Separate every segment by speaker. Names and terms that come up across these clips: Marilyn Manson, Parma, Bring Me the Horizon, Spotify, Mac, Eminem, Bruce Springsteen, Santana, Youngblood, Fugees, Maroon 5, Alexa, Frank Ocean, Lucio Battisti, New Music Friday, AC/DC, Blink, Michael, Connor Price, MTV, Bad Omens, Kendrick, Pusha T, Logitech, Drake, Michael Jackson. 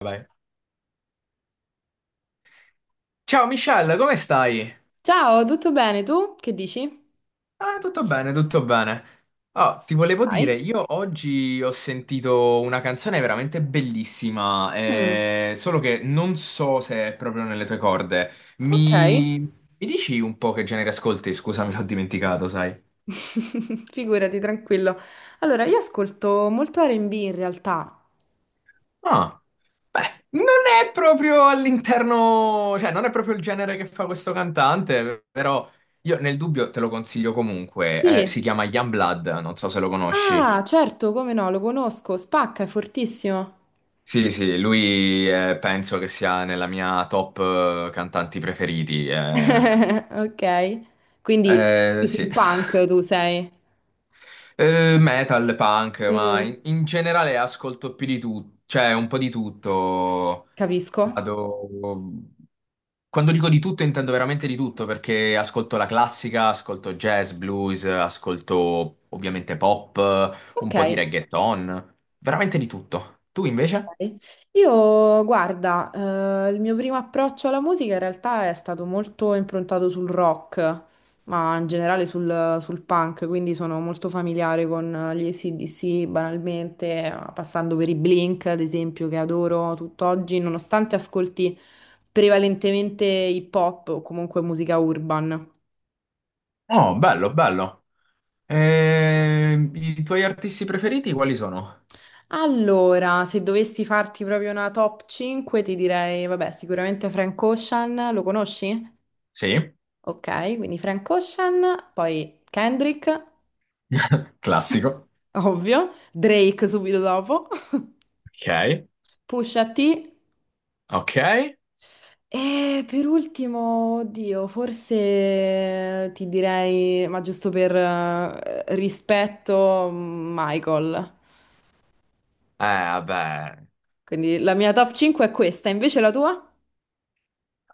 Speaker 1: Vai. Ciao Michelle, come stai?
Speaker 2: Ciao, tutto bene? Tu che dici?
Speaker 1: Ah, tutto bene, tutto bene. Ah, ti volevo dire,
Speaker 2: Dai.
Speaker 1: io oggi ho sentito una canzone veramente bellissima,
Speaker 2: Mm,
Speaker 1: solo che non so se è proprio nelle tue corde.
Speaker 2: ok.
Speaker 1: Mi dici un po' che genere ascolti? Scusami, l'ho dimenticato, sai.
Speaker 2: Figurati, tranquillo. Allora, io ascolto molto R&B in realtà.
Speaker 1: Ah, beh, non è proprio all'interno, cioè non è proprio il genere che fa questo cantante, però io nel dubbio te lo consiglio comunque. Si
Speaker 2: Sì.
Speaker 1: chiama Youngblood, non so se lo conosci.
Speaker 2: Ah, certo, come no, lo conosco, spacca, è fortissimo.
Speaker 1: Sì, sì, lui penso che sia nella mia top cantanti preferiti.
Speaker 2: Ok, quindi più sul
Speaker 1: Sì.
Speaker 2: punk tu sei.
Speaker 1: Metal, punk, ma
Speaker 2: Mm.
Speaker 1: in generale ascolto più di tutto, cioè un po' di tutto.
Speaker 2: Capisco.
Speaker 1: Vado... Quando dico di tutto intendo veramente di tutto, perché ascolto la classica, ascolto jazz, blues, ascolto ovviamente pop, un
Speaker 2: Ok.
Speaker 1: po' di reggaeton, veramente di tutto. Tu invece?
Speaker 2: Ok. Io, guarda, il mio primo approccio alla musica in realtà è stato molto improntato sul rock, ma in generale sul punk, quindi sono molto familiare con gli AC/DC banalmente, passando per i Blink, ad esempio, che adoro tutt'oggi, nonostante ascolti prevalentemente hip hop o comunque musica urban.
Speaker 1: Oh, bello, bello. I tuoi artisti preferiti quali sono?
Speaker 2: Allora, se dovessi farti proprio una top 5, ti direi, vabbè, sicuramente Frank Ocean, lo conosci?
Speaker 1: Sì,
Speaker 2: Ok, quindi Frank Ocean, poi Kendrick,
Speaker 1: classico.
Speaker 2: ovvio, Drake subito dopo,
Speaker 1: Ok,
Speaker 2: Pusha T
Speaker 1: ok.
Speaker 2: e per ultimo, oddio, forse ti direi, ma giusto per rispetto, Michael.
Speaker 1: Vabbè,
Speaker 2: Quindi la mia top 5 è questa, invece la tua?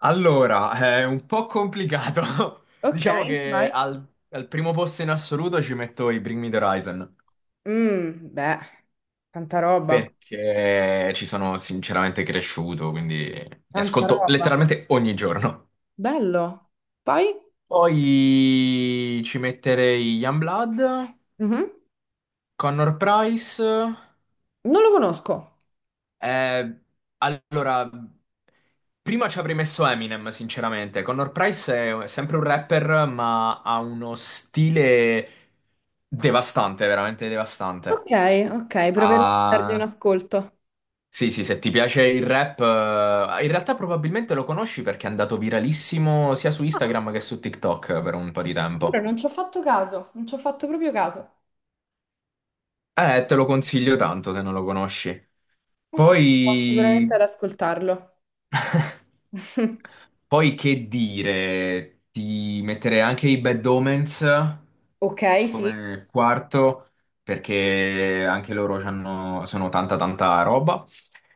Speaker 1: allora, è un po' complicato.
Speaker 2: Ok,
Speaker 1: Diciamo che
Speaker 2: vai.
Speaker 1: al primo posto in assoluto ci metto i Bring Me the Horizon,
Speaker 2: Beh, tanta roba,
Speaker 1: perché ci sono sinceramente cresciuto, quindi li
Speaker 2: tanta
Speaker 1: ascolto
Speaker 2: roba.
Speaker 1: letteralmente ogni giorno.
Speaker 2: Bello. Poi?
Speaker 1: Poi ci metterei Youngblood,
Speaker 2: Mhm.
Speaker 1: Connor Price.
Speaker 2: Non lo conosco.
Speaker 1: Eh, allora, prima ci avrei messo Eminem, sinceramente. Connor Price è sempre un rapper, ma ha uno stile devastante, veramente
Speaker 2: Ok,
Speaker 1: devastante.
Speaker 2: ok, proverò a dargli un
Speaker 1: Ah,
Speaker 2: ascolto.
Speaker 1: sì, sì, se ti piace il rap, in realtà probabilmente lo conosci perché è andato viralissimo sia su
Speaker 2: Ah,
Speaker 1: Instagram che su TikTok per un po' di
Speaker 2: però
Speaker 1: tempo.
Speaker 2: non ci ho fatto caso, non ci ho fatto proprio caso.
Speaker 1: Te lo consiglio tanto se non lo conosci.
Speaker 2: Ok, proverò sicuramente
Speaker 1: Poi
Speaker 2: ad ascoltarlo.
Speaker 1: Poi che dire, ti metterei anche i Bad Omens
Speaker 2: Ok, sì.
Speaker 1: come quarto, perché anche loro sono tanta tanta roba.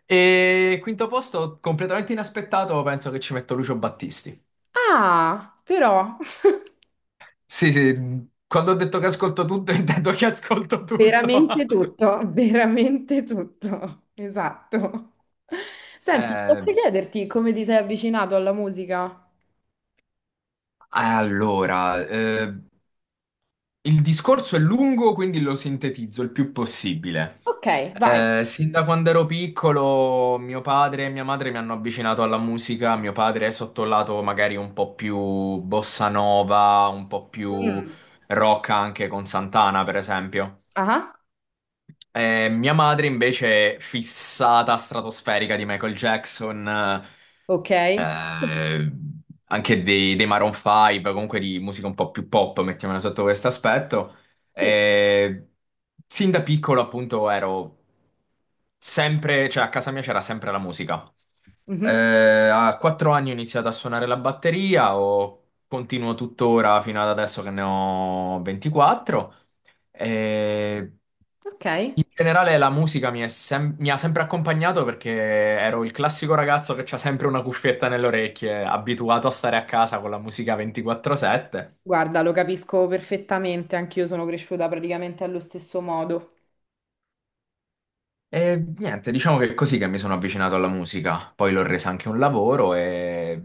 Speaker 1: E quinto posto, completamente inaspettato, penso che ci metto Lucio Battisti.
Speaker 2: Ah, però,
Speaker 1: Sì, sì, quando ho detto che ascolto tutto, intendo che ascolto tutto.
Speaker 2: veramente tutto, veramente tutto. Esatto. Senti,
Speaker 1: Eh,
Speaker 2: posso chiederti come ti sei avvicinato alla musica?
Speaker 1: allora, il discorso è lungo, quindi lo sintetizzo il più possibile.
Speaker 2: Ok, vai.
Speaker 1: Sin da quando ero piccolo, mio padre e mia madre mi hanno avvicinato alla musica. Mio padre è sotto il lato magari un po' più bossa nova, un po' più
Speaker 2: Mm.
Speaker 1: rock anche con Santana, per esempio.
Speaker 2: Ah,
Speaker 1: Mia madre invece è fissata stratosferica di Michael Jackson.
Speaker 2: ok.
Speaker 1: eh, anche dei Maroon 5, comunque di musica un po' più pop, mettiamola sotto questo aspetto.
Speaker 2: Sì.
Speaker 1: E sin da piccolo, appunto, ero sempre, cioè a casa mia c'era sempre la musica. Eh,
Speaker 2: Mhm.
Speaker 1: A 4 anni ho iniziato a suonare la batteria, o continuo tuttora fino ad adesso che ne ho 24. Eh,
Speaker 2: Ok.
Speaker 1: In generale la musica mi ha sempre accompagnato perché ero il classico ragazzo che c'ha sempre una cuffietta nelle orecchie, abituato a stare a casa con la musica 24/7.
Speaker 2: Guarda, lo capisco perfettamente, anch'io sono cresciuta praticamente allo stesso modo.
Speaker 1: E niente, diciamo che è così che mi sono avvicinato alla musica. Poi l'ho resa anche un lavoro e...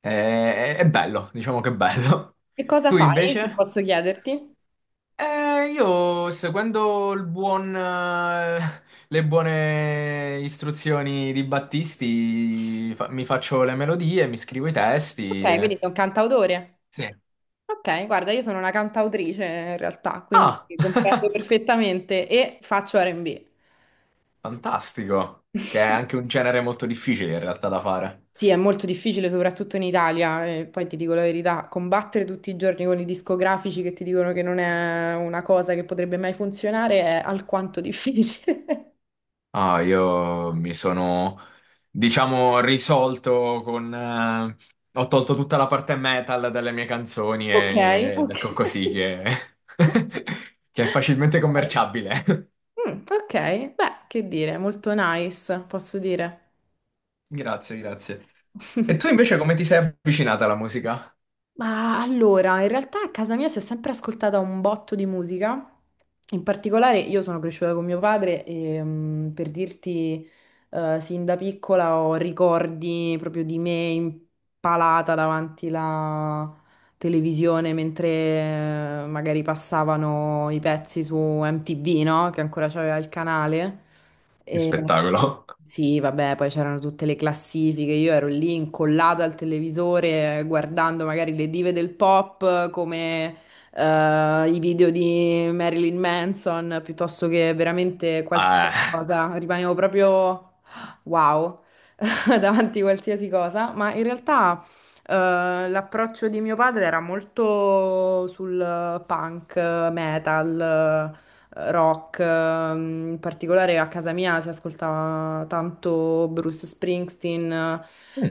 Speaker 1: e- è bello, diciamo che è bello.
Speaker 2: Che cosa
Speaker 1: Tu
Speaker 2: fai, se
Speaker 1: invece?
Speaker 2: posso chiederti?
Speaker 1: Io seguendo le buone istruzioni di Battisti mi faccio le melodie, mi scrivo i testi.
Speaker 2: Ok, quindi
Speaker 1: e-
Speaker 2: sei un cantautore.
Speaker 1: Sì.
Speaker 2: Ok, guarda, io sono una cantautrice in realtà, quindi
Speaker 1: Ah,
Speaker 2: comprendo perfettamente e faccio R&B.
Speaker 1: fantastico! Che è anche un genere molto difficile in realtà da fare.
Speaker 2: Sì, è molto difficile, soprattutto in Italia, e poi ti dico la verità, combattere tutti i giorni con i discografici che ti dicono che non è una cosa che potrebbe mai funzionare è alquanto difficile.
Speaker 1: Ah, io mi sono, diciamo, risolto con ho tolto tutta la parte metal dalle mie canzoni
Speaker 2: Ok,
Speaker 1: ed
Speaker 2: ok.
Speaker 1: ecco così che, che è facilmente commerciabile.
Speaker 2: Mm, ok, beh, che dire, molto nice, posso dire.
Speaker 1: Grazie, grazie. E tu invece come ti sei avvicinata alla musica?
Speaker 2: Ma allora, in realtà a casa mia si è sempre ascoltata un botto di musica. In particolare io sono cresciuta con mio padre e per dirti, sin da piccola ho ricordi proprio di me impalata davanti la televisione mentre magari passavano i pezzi su MTV, no? Che ancora c'aveva il canale.
Speaker 1: Che
Speaker 2: E-
Speaker 1: spettacolo.
Speaker 2: sì, vabbè, poi c'erano tutte le classifiche, io ero lì incollata al televisore guardando magari le dive del pop come i video di Marilyn Manson piuttosto che veramente
Speaker 1: Eh,
Speaker 2: qualsiasi cosa, rimanevo proprio wow davanti a qualsiasi cosa, ma in realtà l'approccio di mio padre era molto sul punk, metal rock. In particolare a casa mia si ascoltava tanto Bruce Springsteen,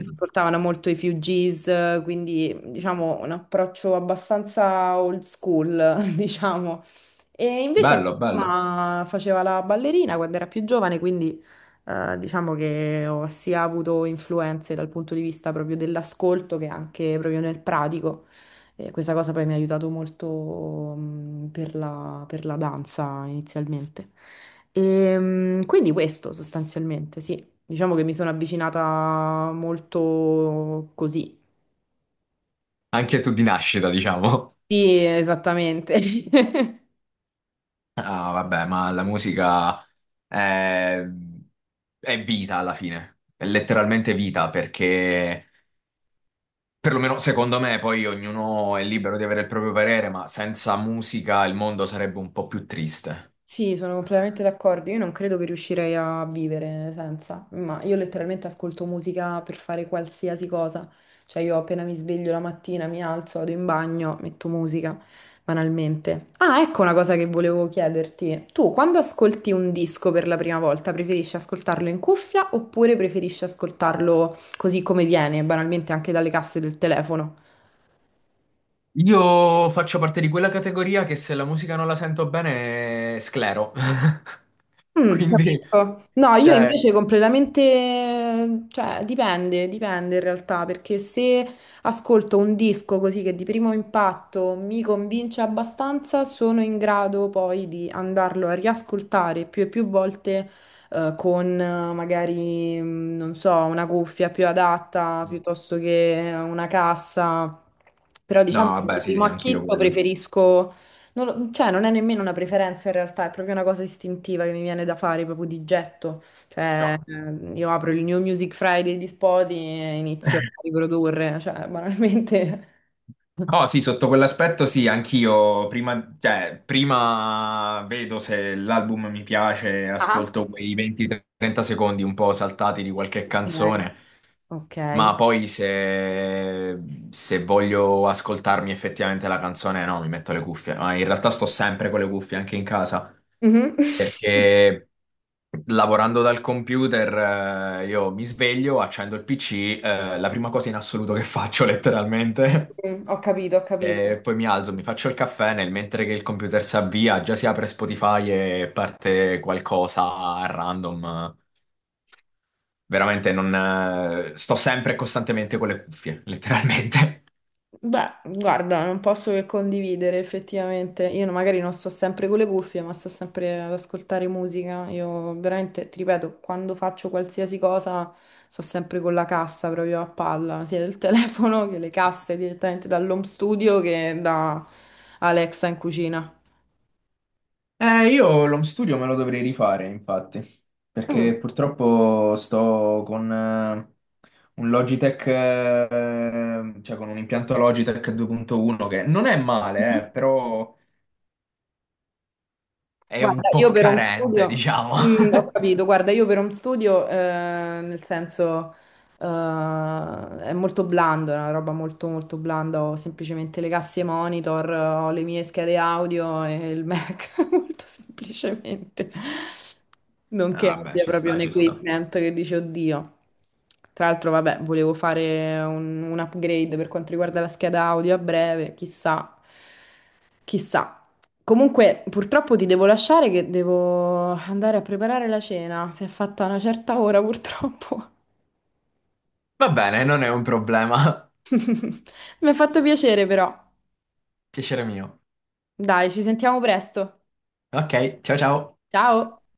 Speaker 2: si ascoltavano molto i Fugees, quindi diciamo un approccio abbastanza old school, diciamo. E invece
Speaker 1: Bello,
Speaker 2: mia
Speaker 1: bello.
Speaker 2: mamma faceva la ballerina quando era più giovane, quindi diciamo che ho sia avuto influenze dal punto di vista proprio dell'ascolto che anche proprio nel pratico. E questa cosa poi mi ha aiutato molto per la danza inizialmente. E, quindi questo sostanzialmente, sì. Diciamo che mi sono avvicinata molto così.
Speaker 1: Anche tu di nascita, diciamo.
Speaker 2: Sì, esattamente.
Speaker 1: Ah, vabbè, ma la musica è, è vita alla fine. È letteralmente vita perché, perlomeno secondo me, poi ognuno è libero di avere il proprio parere, ma senza musica il mondo sarebbe un po' più triste.
Speaker 2: Sì, sono completamente d'accordo. Io non credo che riuscirei a vivere senza, ma io letteralmente ascolto musica per fare qualsiasi cosa. Cioè, io appena mi sveglio la mattina, mi alzo, vado in bagno, metto musica, banalmente. Ah, ecco una cosa che volevo chiederti. Tu, quando ascolti un disco per la prima volta, preferisci ascoltarlo in cuffia oppure preferisci ascoltarlo così come viene, banalmente anche dalle casse del telefono?
Speaker 1: Io faccio parte di quella categoria che se la musica non la sento bene, sclero. Quindi,
Speaker 2: Capisco. No, io
Speaker 1: cioè,
Speaker 2: invece completamente, cioè dipende, dipende in realtà, perché se ascolto un disco così che di primo impatto mi convince abbastanza, sono in grado poi di andarlo a riascoltare più e più volte con magari, non so, una cuffia più adatta
Speaker 1: mm.
Speaker 2: piuttosto che una cassa. Però
Speaker 1: No,
Speaker 2: diciamo che di
Speaker 1: vabbè, sì,
Speaker 2: primo
Speaker 1: sì, anch'io
Speaker 2: acchito
Speaker 1: quello.
Speaker 2: preferisco non lo- cioè, non è nemmeno una preferenza in realtà, è proprio una cosa istintiva che mi viene da fare proprio di getto. Cioè,
Speaker 1: No.
Speaker 2: io apro il New Music Friday di Spotify e inizio a riprodurre, cioè, banalmente.
Speaker 1: Oh sì, sotto quell'aspetto sì, anch'io prima, cioè, prima vedo se l'album mi piace,
Speaker 2: Ah.
Speaker 1: ascolto quei 20-30 secondi un po' saltati di qualche
Speaker 2: Ok.
Speaker 1: canzone,
Speaker 2: Ok.
Speaker 1: ma poi se voglio ascoltarmi effettivamente la canzone, no, mi metto le cuffie, ma in realtà sto sempre con le cuffie anche in casa,
Speaker 2: Mhm.
Speaker 1: perché lavorando dal computer, io mi sveglio, accendo il PC, la prima cosa in assoluto che faccio letteralmente,
Speaker 2: Ho capito, ho
Speaker 1: e
Speaker 2: capito.
Speaker 1: poi mi alzo, mi faccio il caffè, nel mentre che il computer si avvia, già si apre Spotify e parte qualcosa a random. Veramente non, sto sempre e costantemente con le cuffie, letteralmente.
Speaker 2: Beh, guarda, non posso che condividere effettivamente. Io magari non sto sempre con le cuffie, ma sto sempre ad ascoltare musica. Io veramente, ti ripeto, quando faccio qualsiasi cosa sto sempre con la cassa proprio a palla, sia del telefono che le casse direttamente dall'home studio che da Alexa in cucina.
Speaker 1: Io l'home studio me lo dovrei rifare, infatti,
Speaker 2: Mm.
Speaker 1: perché purtroppo sto con un Logitech, cioè con un impianto Logitech 2.1 che non è male, però è un
Speaker 2: Guarda, io
Speaker 1: po'
Speaker 2: per home
Speaker 1: carente,
Speaker 2: studio,
Speaker 1: diciamo.
Speaker 2: ho capito, guarda, io per home studio, nel senso, eh, è molto blando, è una roba molto molto blanda, ho semplicemente le casse monitor, ho le mie schede audio e il Mac, molto semplicemente. Non che
Speaker 1: Ah, vabbè,
Speaker 2: abbia
Speaker 1: ci
Speaker 2: proprio
Speaker 1: sta,
Speaker 2: un
Speaker 1: ci sta.
Speaker 2: equipment che dice oddio. Tra l'altro, vabbè, volevo fare un upgrade per quanto riguarda la scheda audio a breve, chissà, chissà. Comunque, purtroppo ti devo lasciare che devo andare a preparare la cena. Si è fatta una certa ora, purtroppo.
Speaker 1: Va bene, non è un problema.
Speaker 2: Mi ha fatto piacere, però.
Speaker 1: Piacere mio.
Speaker 2: Dai, ci sentiamo presto.
Speaker 1: Ok, ciao ciao.
Speaker 2: Ciao!